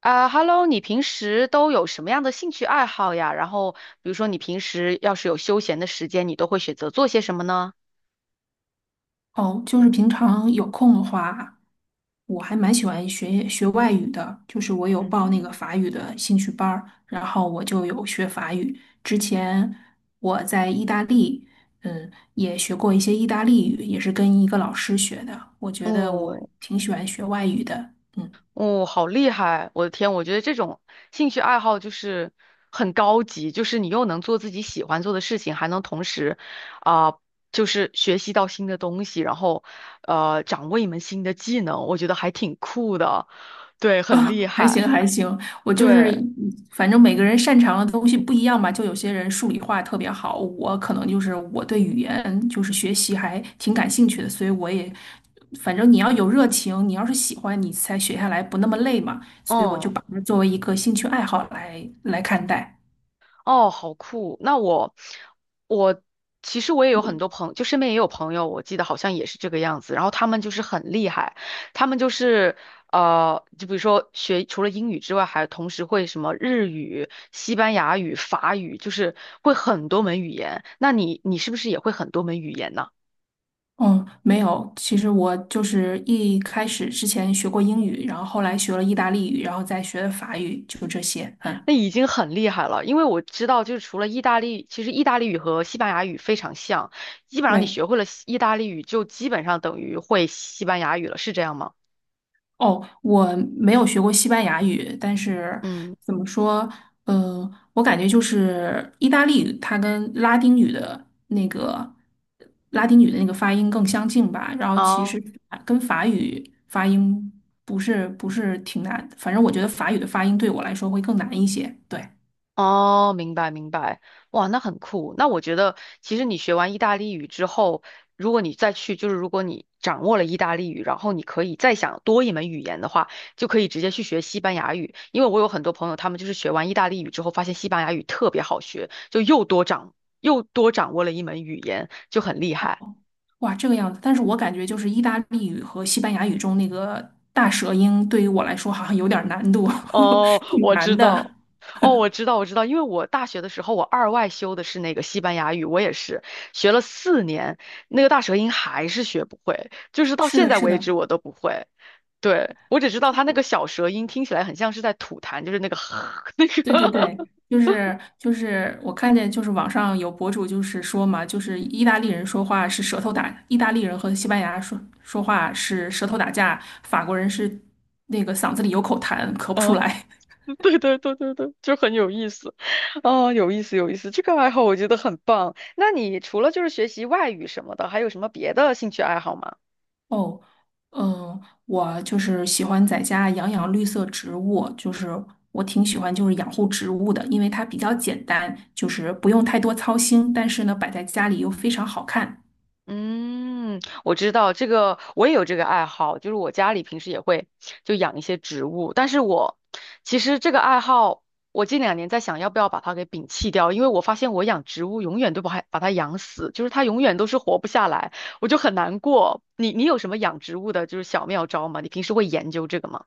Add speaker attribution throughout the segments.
Speaker 1: 啊，Hello，你平时都有什么样的兴趣爱好呀？然后，比如说你平时要是有休闲的时间，你都会选择做些什么呢？
Speaker 2: 哦，就是平常有空的话，我还蛮喜欢学学外语的，就是我有报那个
Speaker 1: 嗯，
Speaker 2: 法语的兴趣班儿，然后我就有学法语。之前我在意大利，嗯，也学过一些意大利语，也是跟一个老师学的。我觉得我
Speaker 1: 哦
Speaker 2: 挺喜欢学外语的，嗯。
Speaker 1: 哦，好厉害！我的天，我觉得这种兴趣爱好就是很高级，就是你又能做自己喜欢做的事情，还能同时啊、就是学习到新的东西，然后掌握一门新的技能，我觉得还挺酷的。对，很
Speaker 2: 啊，
Speaker 1: 厉
Speaker 2: 还行
Speaker 1: 害。
Speaker 2: 还行，我就
Speaker 1: 对，
Speaker 2: 是反正每个人擅长的东西不一样吧，就有些人数理化特别好，我可能就是我对语言就是学习还挺感兴趣的，所以我也反正你要有热情，你要是喜欢，你才学下来不那么累嘛，所以我就
Speaker 1: 嗯。
Speaker 2: 把它作为一个兴趣爱好来看待。
Speaker 1: 哦，好酷！我其实我也有很多就身边也有朋友，我记得好像也是这个样子。然后他们就是很厉害，他们就是就比如说学除了英语之外，还同时会什么日语、西班牙语、法语，就是会很多门语言。那你是不是也会很多门语言呢？
Speaker 2: 嗯，没有，其实我就是一开始之前学过英语，然后后来学了意大利语，然后再学的法语，就这些。嗯，
Speaker 1: 那已经很厉害了，因为我知道，就是除了意大利，其实意大利语和西班牙语非常像，基本上你
Speaker 2: 对。
Speaker 1: 学会了意大利语，就基本上等于会西班牙语了，是这样吗？
Speaker 2: 哦，我没有学过西班牙语，但是
Speaker 1: 嗯，
Speaker 2: 怎么说，我感觉就是意大利语，它跟拉丁语的那个发音更相近吧。然后其
Speaker 1: 哦
Speaker 2: 实啊跟法语发音不是挺难，反正我觉得法语的发音对我来说会更难一些。对，
Speaker 1: 哦，明白明白，哇，那很酷。那我觉得，其实你学完意大利语之后，如果你再去，就是如果你掌握了意大利语，然后你可以再想多一门语言的话，就可以直接去学西班牙语。因为我有很多朋友，他们就是学完意大利语之后，发现西班牙语特别好学，就又多掌又多掌握了一门语言，就很厉
Speaker 2: 哦
Speaker 1: 害。
Speaker 2: 哇，这个样子。但是我感觉就是意大利语和西班牙语中那个大舌音，对于我来说好像有点儿难度，
Speaker 1: 哦，
Speaker 2: 挺
Speaker 1: 我
Speaker 2: 难
Speaker 1: 知道，
Speaker 2: 的。
Speaker 1: 哦，我知道，我知道，因为我大学的时候，我二外修的是那个西班牙语，我也是学了4年，那个大舌音还是学不会，就是到
Speaker 2: 是
Speaker 1: 现
Speaker 2: 的，
Speaker 1: 在
Speaker 2: 是
Speaker 1: 为止
Speaker 2: 的。
Speaker 1: 我都不会。对，我只知道他那个小舌音听起来很像是在吐痰，就是那个 那
Speaker 2: 对对
Speaker 1: 个，
Speaker 2: 对，就是我看见就是网上有博主就是说嘛，就是意大利人说话是舌头打，意大利人和西班牙说话是舌头打架，法国人是那个嗓子里有口痰，咳不出
Speaker 1: 啊，
Speaker 2: 来。
Speaker 1: 对对对对对，就很有意思，哦，有意思有意思，这个爱好我觉得很棒。那你除了就是学习外语什么的，还有什么别的兴趣爱好吗？
Speaker 2: 哦，嗯，我就是喜欢在家养养绿色植物，就是我挺喜欢就是养护植物的，因为它比较简单，就是不用太多操心，但是呢摆在家里又非常好看。
Speaker 1: 嗯，我知道这个，我也有这个爱好，就是我家里平时也会就养一些植物，但是我其实这个爱好，我近两年在想要不要把它给摒弃掉，因为我发现我养植物永远都不它把它养死，就是它永远都是活不下来，我就很难过。你有什么养植物的就是小妙招吗？你平时会研究这个吗？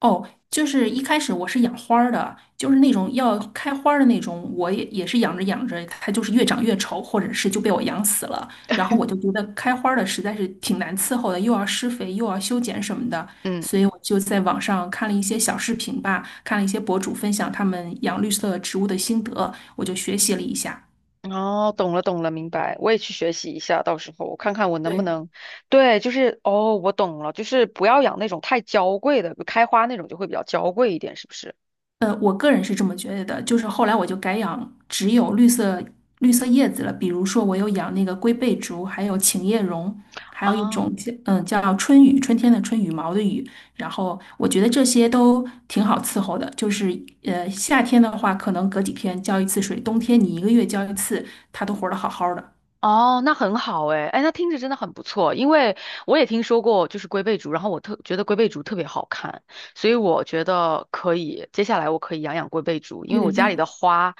Speaker 2: 哦，就是一开始我是养花儿的，就是那种要开花儿的那种，我也是养着养着，它就是越长越丑，或者是就被我养死了。然后我就觉得开花儿的实在是挺难伺候的，又要施肥，又要修剪什么的，
Speaker 1: 嗯。
Speaker 2: 所以我就在网上看了一些小视频吧，看了一些博主分享他们养绿色植物的心得，我就学习了一下。
Speaker 1: 哦，懂了，懂了，明白。我也去学习一下，到时候我看看我能不
Speaker 2: 对。
Speaker 1: 能。对，就是哦，我懂了，就是不要养那种太娇贵的，开花那种就会比较娇贵一点，是不是？
Speaker 2: 我个人是这么觉得的，就是后来我就改养只有绿色叶子了，比如说我有养那个龟背竹，还有琴叶榕，还有一
Speaker 1: 啊，
Speaker 2: 种叫叫春雨，春天的春，羽毛的雨，然后我觉得这些都挺好伺候的，就是夏天的话，可能隔几天浇一次水，冬天你一个月浇一次，它都活得好好的。
Speaker 1: 哦，那很好诶，哎，那听着真的很不错，因为我也听说过就是龟背竹，然后我特觉得龟背竹特别好看，所以我觉得可以，接下来我可以养养龟背竹，因
Speaker 2: 对
Speaker 1: 为我
Speaker 2: 对
Speaker 1: 家里
Speaker 2: 对，
Speaker 1: 的花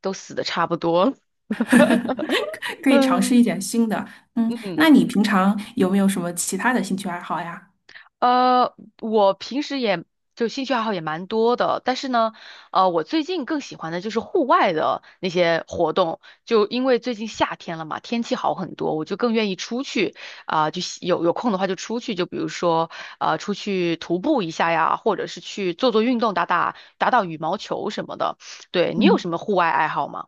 Speaker 1: 都死的差不多了。
Speaker 2: 可以尝试一
Speaker 1: 嗯
Speaker 2: 点新的。嗯，
Speaker 1: 嗯。
Speaker 2: 那你平常有没有什么其他的兴趣爱好呀？
Speaker 1: 呃，我平时也就兴趣爱好也蛮多的，但是呢，我最近更喜欢的就是户外的那些活动，就因为最近夏天了嘛，天气好很多，我就更愿意出去就喜有空的话就出去，就比如说出去徒步一下呀，或者是去做做运动，打打羽毛球什么的。对，你有
Speaker 2: 嗯。
Speaker 1: 什么户外爱好吗？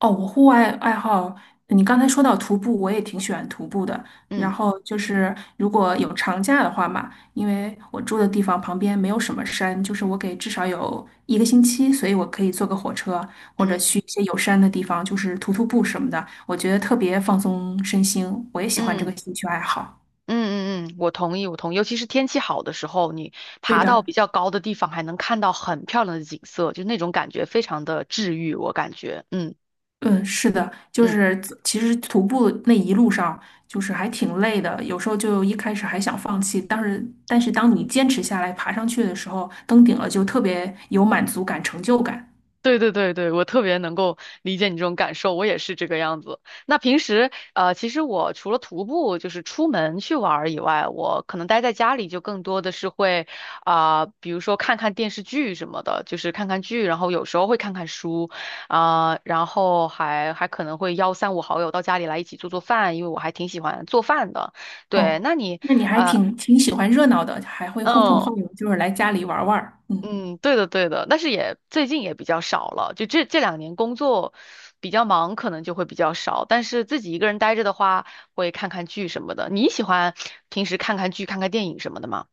Speaker 2: 哦，我户外爱好，你刚才说到徒步，我也挺喜欢徒步的。然
Speaker 1: 嗯
Speaker 2: 后就是如果有长假的话嘛，因为我住的地方旁边没有什么山，就是我给至少有一个星期，所以我可以坐个火车或者
Speaker 1: 嗯
Speaker 2: 去一些有山的地方，就是徒步什么的，我觉得特别放松身心。我也喜欢这
Speaker 1: 嗯。
Speaker 2: 个兴趣爱好。
Speaker 1: 嗯嗯嗯，我同意，我同意。尤其是天气好的时候，你
Speaker 2: 对
Speaker 1: 爬到比
Speaker 2: 的。
Speaker 1: 较高的地方，还能看到很漂亮的景色，就那种感觉非常的治愈，我感觉。嗯
Speaker 2: 嗯，是的，就
Speaker 1: 嗯。
Speaker 2: 是其实徒步那一路上就是还挺累的，有时候就一开始还想放弃，但是当你坚持下来爬上去的时候，登顶了就特别有满足感、成就感。
Speaker 1: 对对对对，我特别能够理解你这种感受，我也是这个样子。那平时其实我除了徒步，就是出门去玩儿以外，我可能待在家里就更多的是会比如说看看电视剧什么的，就是看看剧，然后有时候会看看书然后还可能会邀三五好友到家里来一起做做饭，因为我还挺喜欢做饭的。对，
Speaker 2: 哦，
Speaker 1: 那你
Speaker 2: 那你还
Speaker 1: 呃。
Speaker 2: 挺喜欢热闹的，还会呼朋
Speaker 1: 嗯。
Speaker 2: 唤友，就是来家里玩儿玩儿。嗯。
Speaker 1: 嗯，对的，对的，但是也最近也比较少了，就这两年工作比较忙，可能就会比较少。但是自己一个人待着的话，会看看剧什么的。你喜欢平时看看剧、看看电影什么的吗？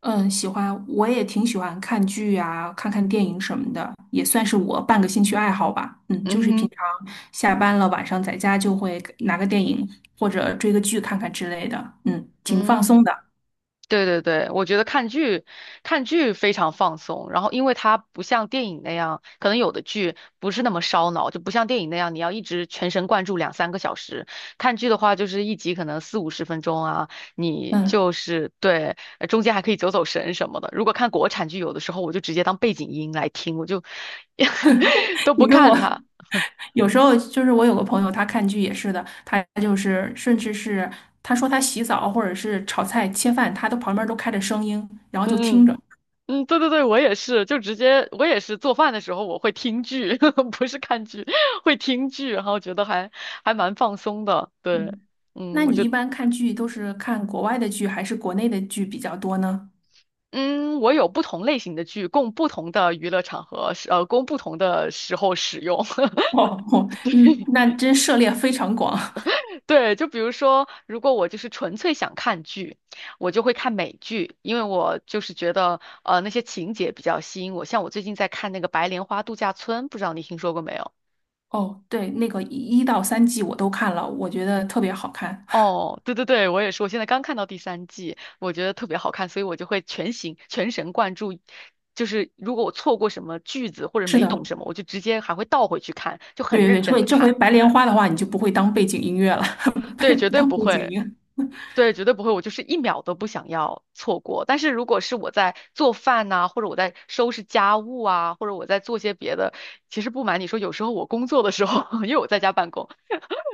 Speaker 2: 嗯，喜欢，我也挺喜欢看剧啊，看看电影什么的，也算是我半个兴趣爱好吧。嗯，
Speaker 1: 嗯
Speaker 2: 就是平
Speaker 1: 哼，
Speaker 2: 常下班了，晚上在家就会拿个电影或者追个剧看看之类的。嗯，挺放
Speaker 1: 嗯。
Speaker 2: 松的。
Speaker 1: 对对对，我觉得看剧，看剧非常放松。然后，因为它不像电影那样，可能有的剧不是那么烧脑，就不像电影那样，你要一直全神贯注两三个小时。看剧的话，就是一集可能四五十分钟啊，你
Speaker 2: 嗯，
Speaker 1: 就是对，中间还可以走走神什么的。如果看国产剧，有的时候我就直接当背景音来听，我就 都 不
Speaker 2: 你跟
Speaker 1: 看
Speaker 2: 我
Speaker 1: 它。
Speaker 2: 有时候就是我有个朋友，他看剧也是的，他就是甚至是他说他洗澡或者是炒菜切饭，他都旁边都开着声音，然后就
Speaker 1: 嗯
Speaker 2: 听
Speaker 1: 嗯。
Speaker 2: 着。
Speaker 1: 嗯，对对对，我也是，就直接我也是做饭的时候我会听剧，不是看剧，会听剧，然后觉得还蛮放松的。对，
Speaker 2: 嗯，
Speaker 1: 嗯，
Speaker 2: 那
Speaker 1: 我
Speaker 2: 你
Speaker 1: 就
Speaker 2: 一般看剧都是看国外的剧还是国内的剧比较多呢？
Speaker 1: 嗯，我有不同类型的剧，供不同的娱乐场合使，供不同的时候使用。
Speaker 2: 哦哦，嗯，
Speaker 1: 对
Speaker 2: 那真涉猎非常广。
Speaker 1: 对，就比如说，如果我就是纯粹想看剧，我就会看美剧，因为我就是觉得那些情节比较吸引我。像我最近在看那个《白莲花度假村》，不知道你听说过没有？
Speaker 2: 哦，对，那个一到三季我都看了，我觉得特别好看。
Speaker 1: 哦，对对对，我也是，我现在刚看到第三季，我觉得特别好看，所以我就会全心全神贯注。就是如果我错过什么句子或者
Speaker 2: 是
Speaker 1: 没
Speaker 2: 的，
Speaker 1: 懂什么，我就直接还会倒回去看，就
Speaker 2: 对
Speaker 1: 很
Speaker 2: 对
Speaker 1: 认
Speaker 2: 对，所
Speaker 1: 真
Speaker 2: 以
Speaker 1: 的
Speaker 2: 这回
Speaker 1: 看。
Speaker 2: 白莲花的话，你就不会当背景音乐了，背
Speaker 1: 对，绝对
Speaker 2: 当
Speaker 1: 不
Speaker 2: 背景音
Speaker 1: 会，
Speaker 2: 乐。
Speaker 1: 对，绝对不会，我就是一秒都不想要错过。但是如果是我在做饭呐、或者我在收拾家务啊，或者我在做些别的，其实不瞒你说，有时候我工作的时候，因为我在家办公，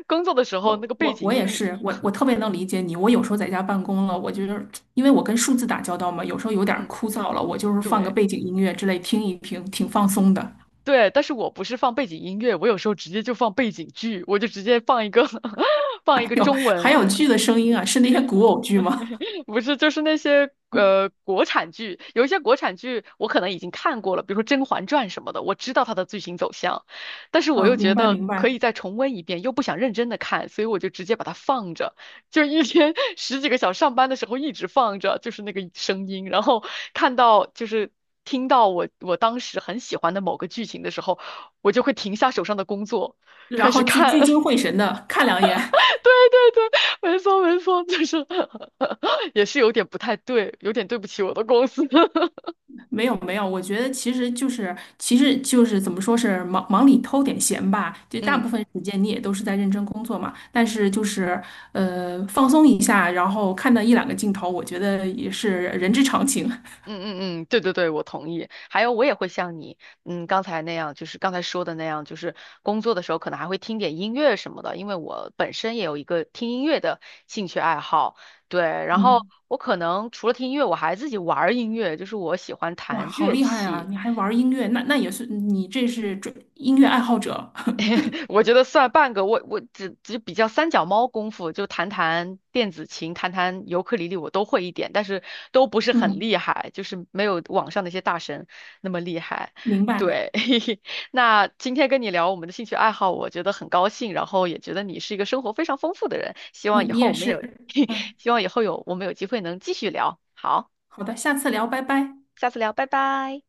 Speaker 1: 工作的时候那
Speaker 2: 我
Speaker 1: 个背
Speaker 2: 我
Speaker 1: 景
Speaker 2: 我也
Speaker 1: 音，
Speaker 2: 是，我特别能理解你。我有时候在家办公了，我就是因为我跟数字打交道嘛，有时候有点儿
Speaker 1: 嗯，
Speaker 2: 枯燥了，我就是放个
Speaker 1: 对。
Speaker 2: 背景音乐之类听一听，挺放松的。
Speaker 1: 对，但是我不是放背景音乐，我有时候直接就放背景剧，我就直接放一个 放一
Speaker 2: 还
Speaker 1: 个
Speaker 2: 有
Speaker 1: 中
Speaker 2: 还
Speaker 1: 文。
Speaker 2: 有剧的声音啊，是那些古偶剧吗？
Speaker 1: 不是，就是那些国产剧，有一些国产剧我可能已经看过了，比如说《甄嬛传》什么的，我知道它的剧情走向，但是我又
Speaker 2: 嗯，明
Speaker 1: 觉
Speaker 2: 白
Speaker 1: 得
Speaker 2: 明
Speaker 1: 可
Speaker 2: 白。
Speaker 1: 以再重温一遍，又不想认真的看，所以我就直接把它放着，就一天 十几个小时上班的时候一直放着，就是那个声音，然后看到就是听到我当时很喜欢的某个剧情的时候，我就会停下手上的工作，
Speaker 2: 然
Speaker 1: 开
Speaker 2: 后
Speaker 1: 始
Speaker 2: 聚聚
Speaker 1: 看。
Speaker 2: 精会神的看两眼。
Speaker 1: 对，对对，没错没错，就是 也是有点不太对，有点对不起我的公司。
Speaker 2: 没有没有，我觉得其实就是怎么说是忙忙里偷点闲吧，就大
Speaker 1: 嗯
Speaker 2: 部分时间你也都是在认真工作嘛，但是就是放松一下，然后看到一两个镜头，我觉得也是人之常情。
Speaker 1: 嗯嗯嗯，对对对，我同意。还有，我也会像你，刚才那样，就是刚才说的那样，就是工作的时候可能还会听点音乐什么的，因为我本身也有一个听音乐的兴趣爱好。对，然后
Speaker 2: 嗯，
Speaker 1: 我可能除了听音乐，我还自己玩儿音乐，就是我喜欢
Speaker 2: 哇，
Speaker 1: 弹
Speaker 2: 好
Speaker 1: 乐
Speaker 2: 厉害啊！
Speaker 1: 器。
Speaker 2: 你还玩儿音乐，那也是你这是专音乐爱好者。
Speaker 1: 我觉得算半个，我只比较三脚猫功夫，就弹弹电子琴、弹弹尤克里里，我都会一点，但是都不是很
Speaker 2: 嗯，
Speaker 1: 厉害，就是没有网上那些大神那么厉害。
Speaker 2: 明白。
Speaker 1: 对，那今天跟你聊我们的兴趣爱好，我觉得很高兴，然后也觉得你是一个生活非常丰富的人，希望以
Speaker 2: 嗯，你
Speaker 1: 后
Speaker 2: 也
Speaker 1: 我们
Speaker 2: 是。
Speaker 1: 有，
Speaker 2: 嗯，
Speaker 1: 希望以后有我们有机会能继续聊。好，
Speaker 2: 好的，下次聊，拜拜。
Speaker 1: 下次聊，拜拜。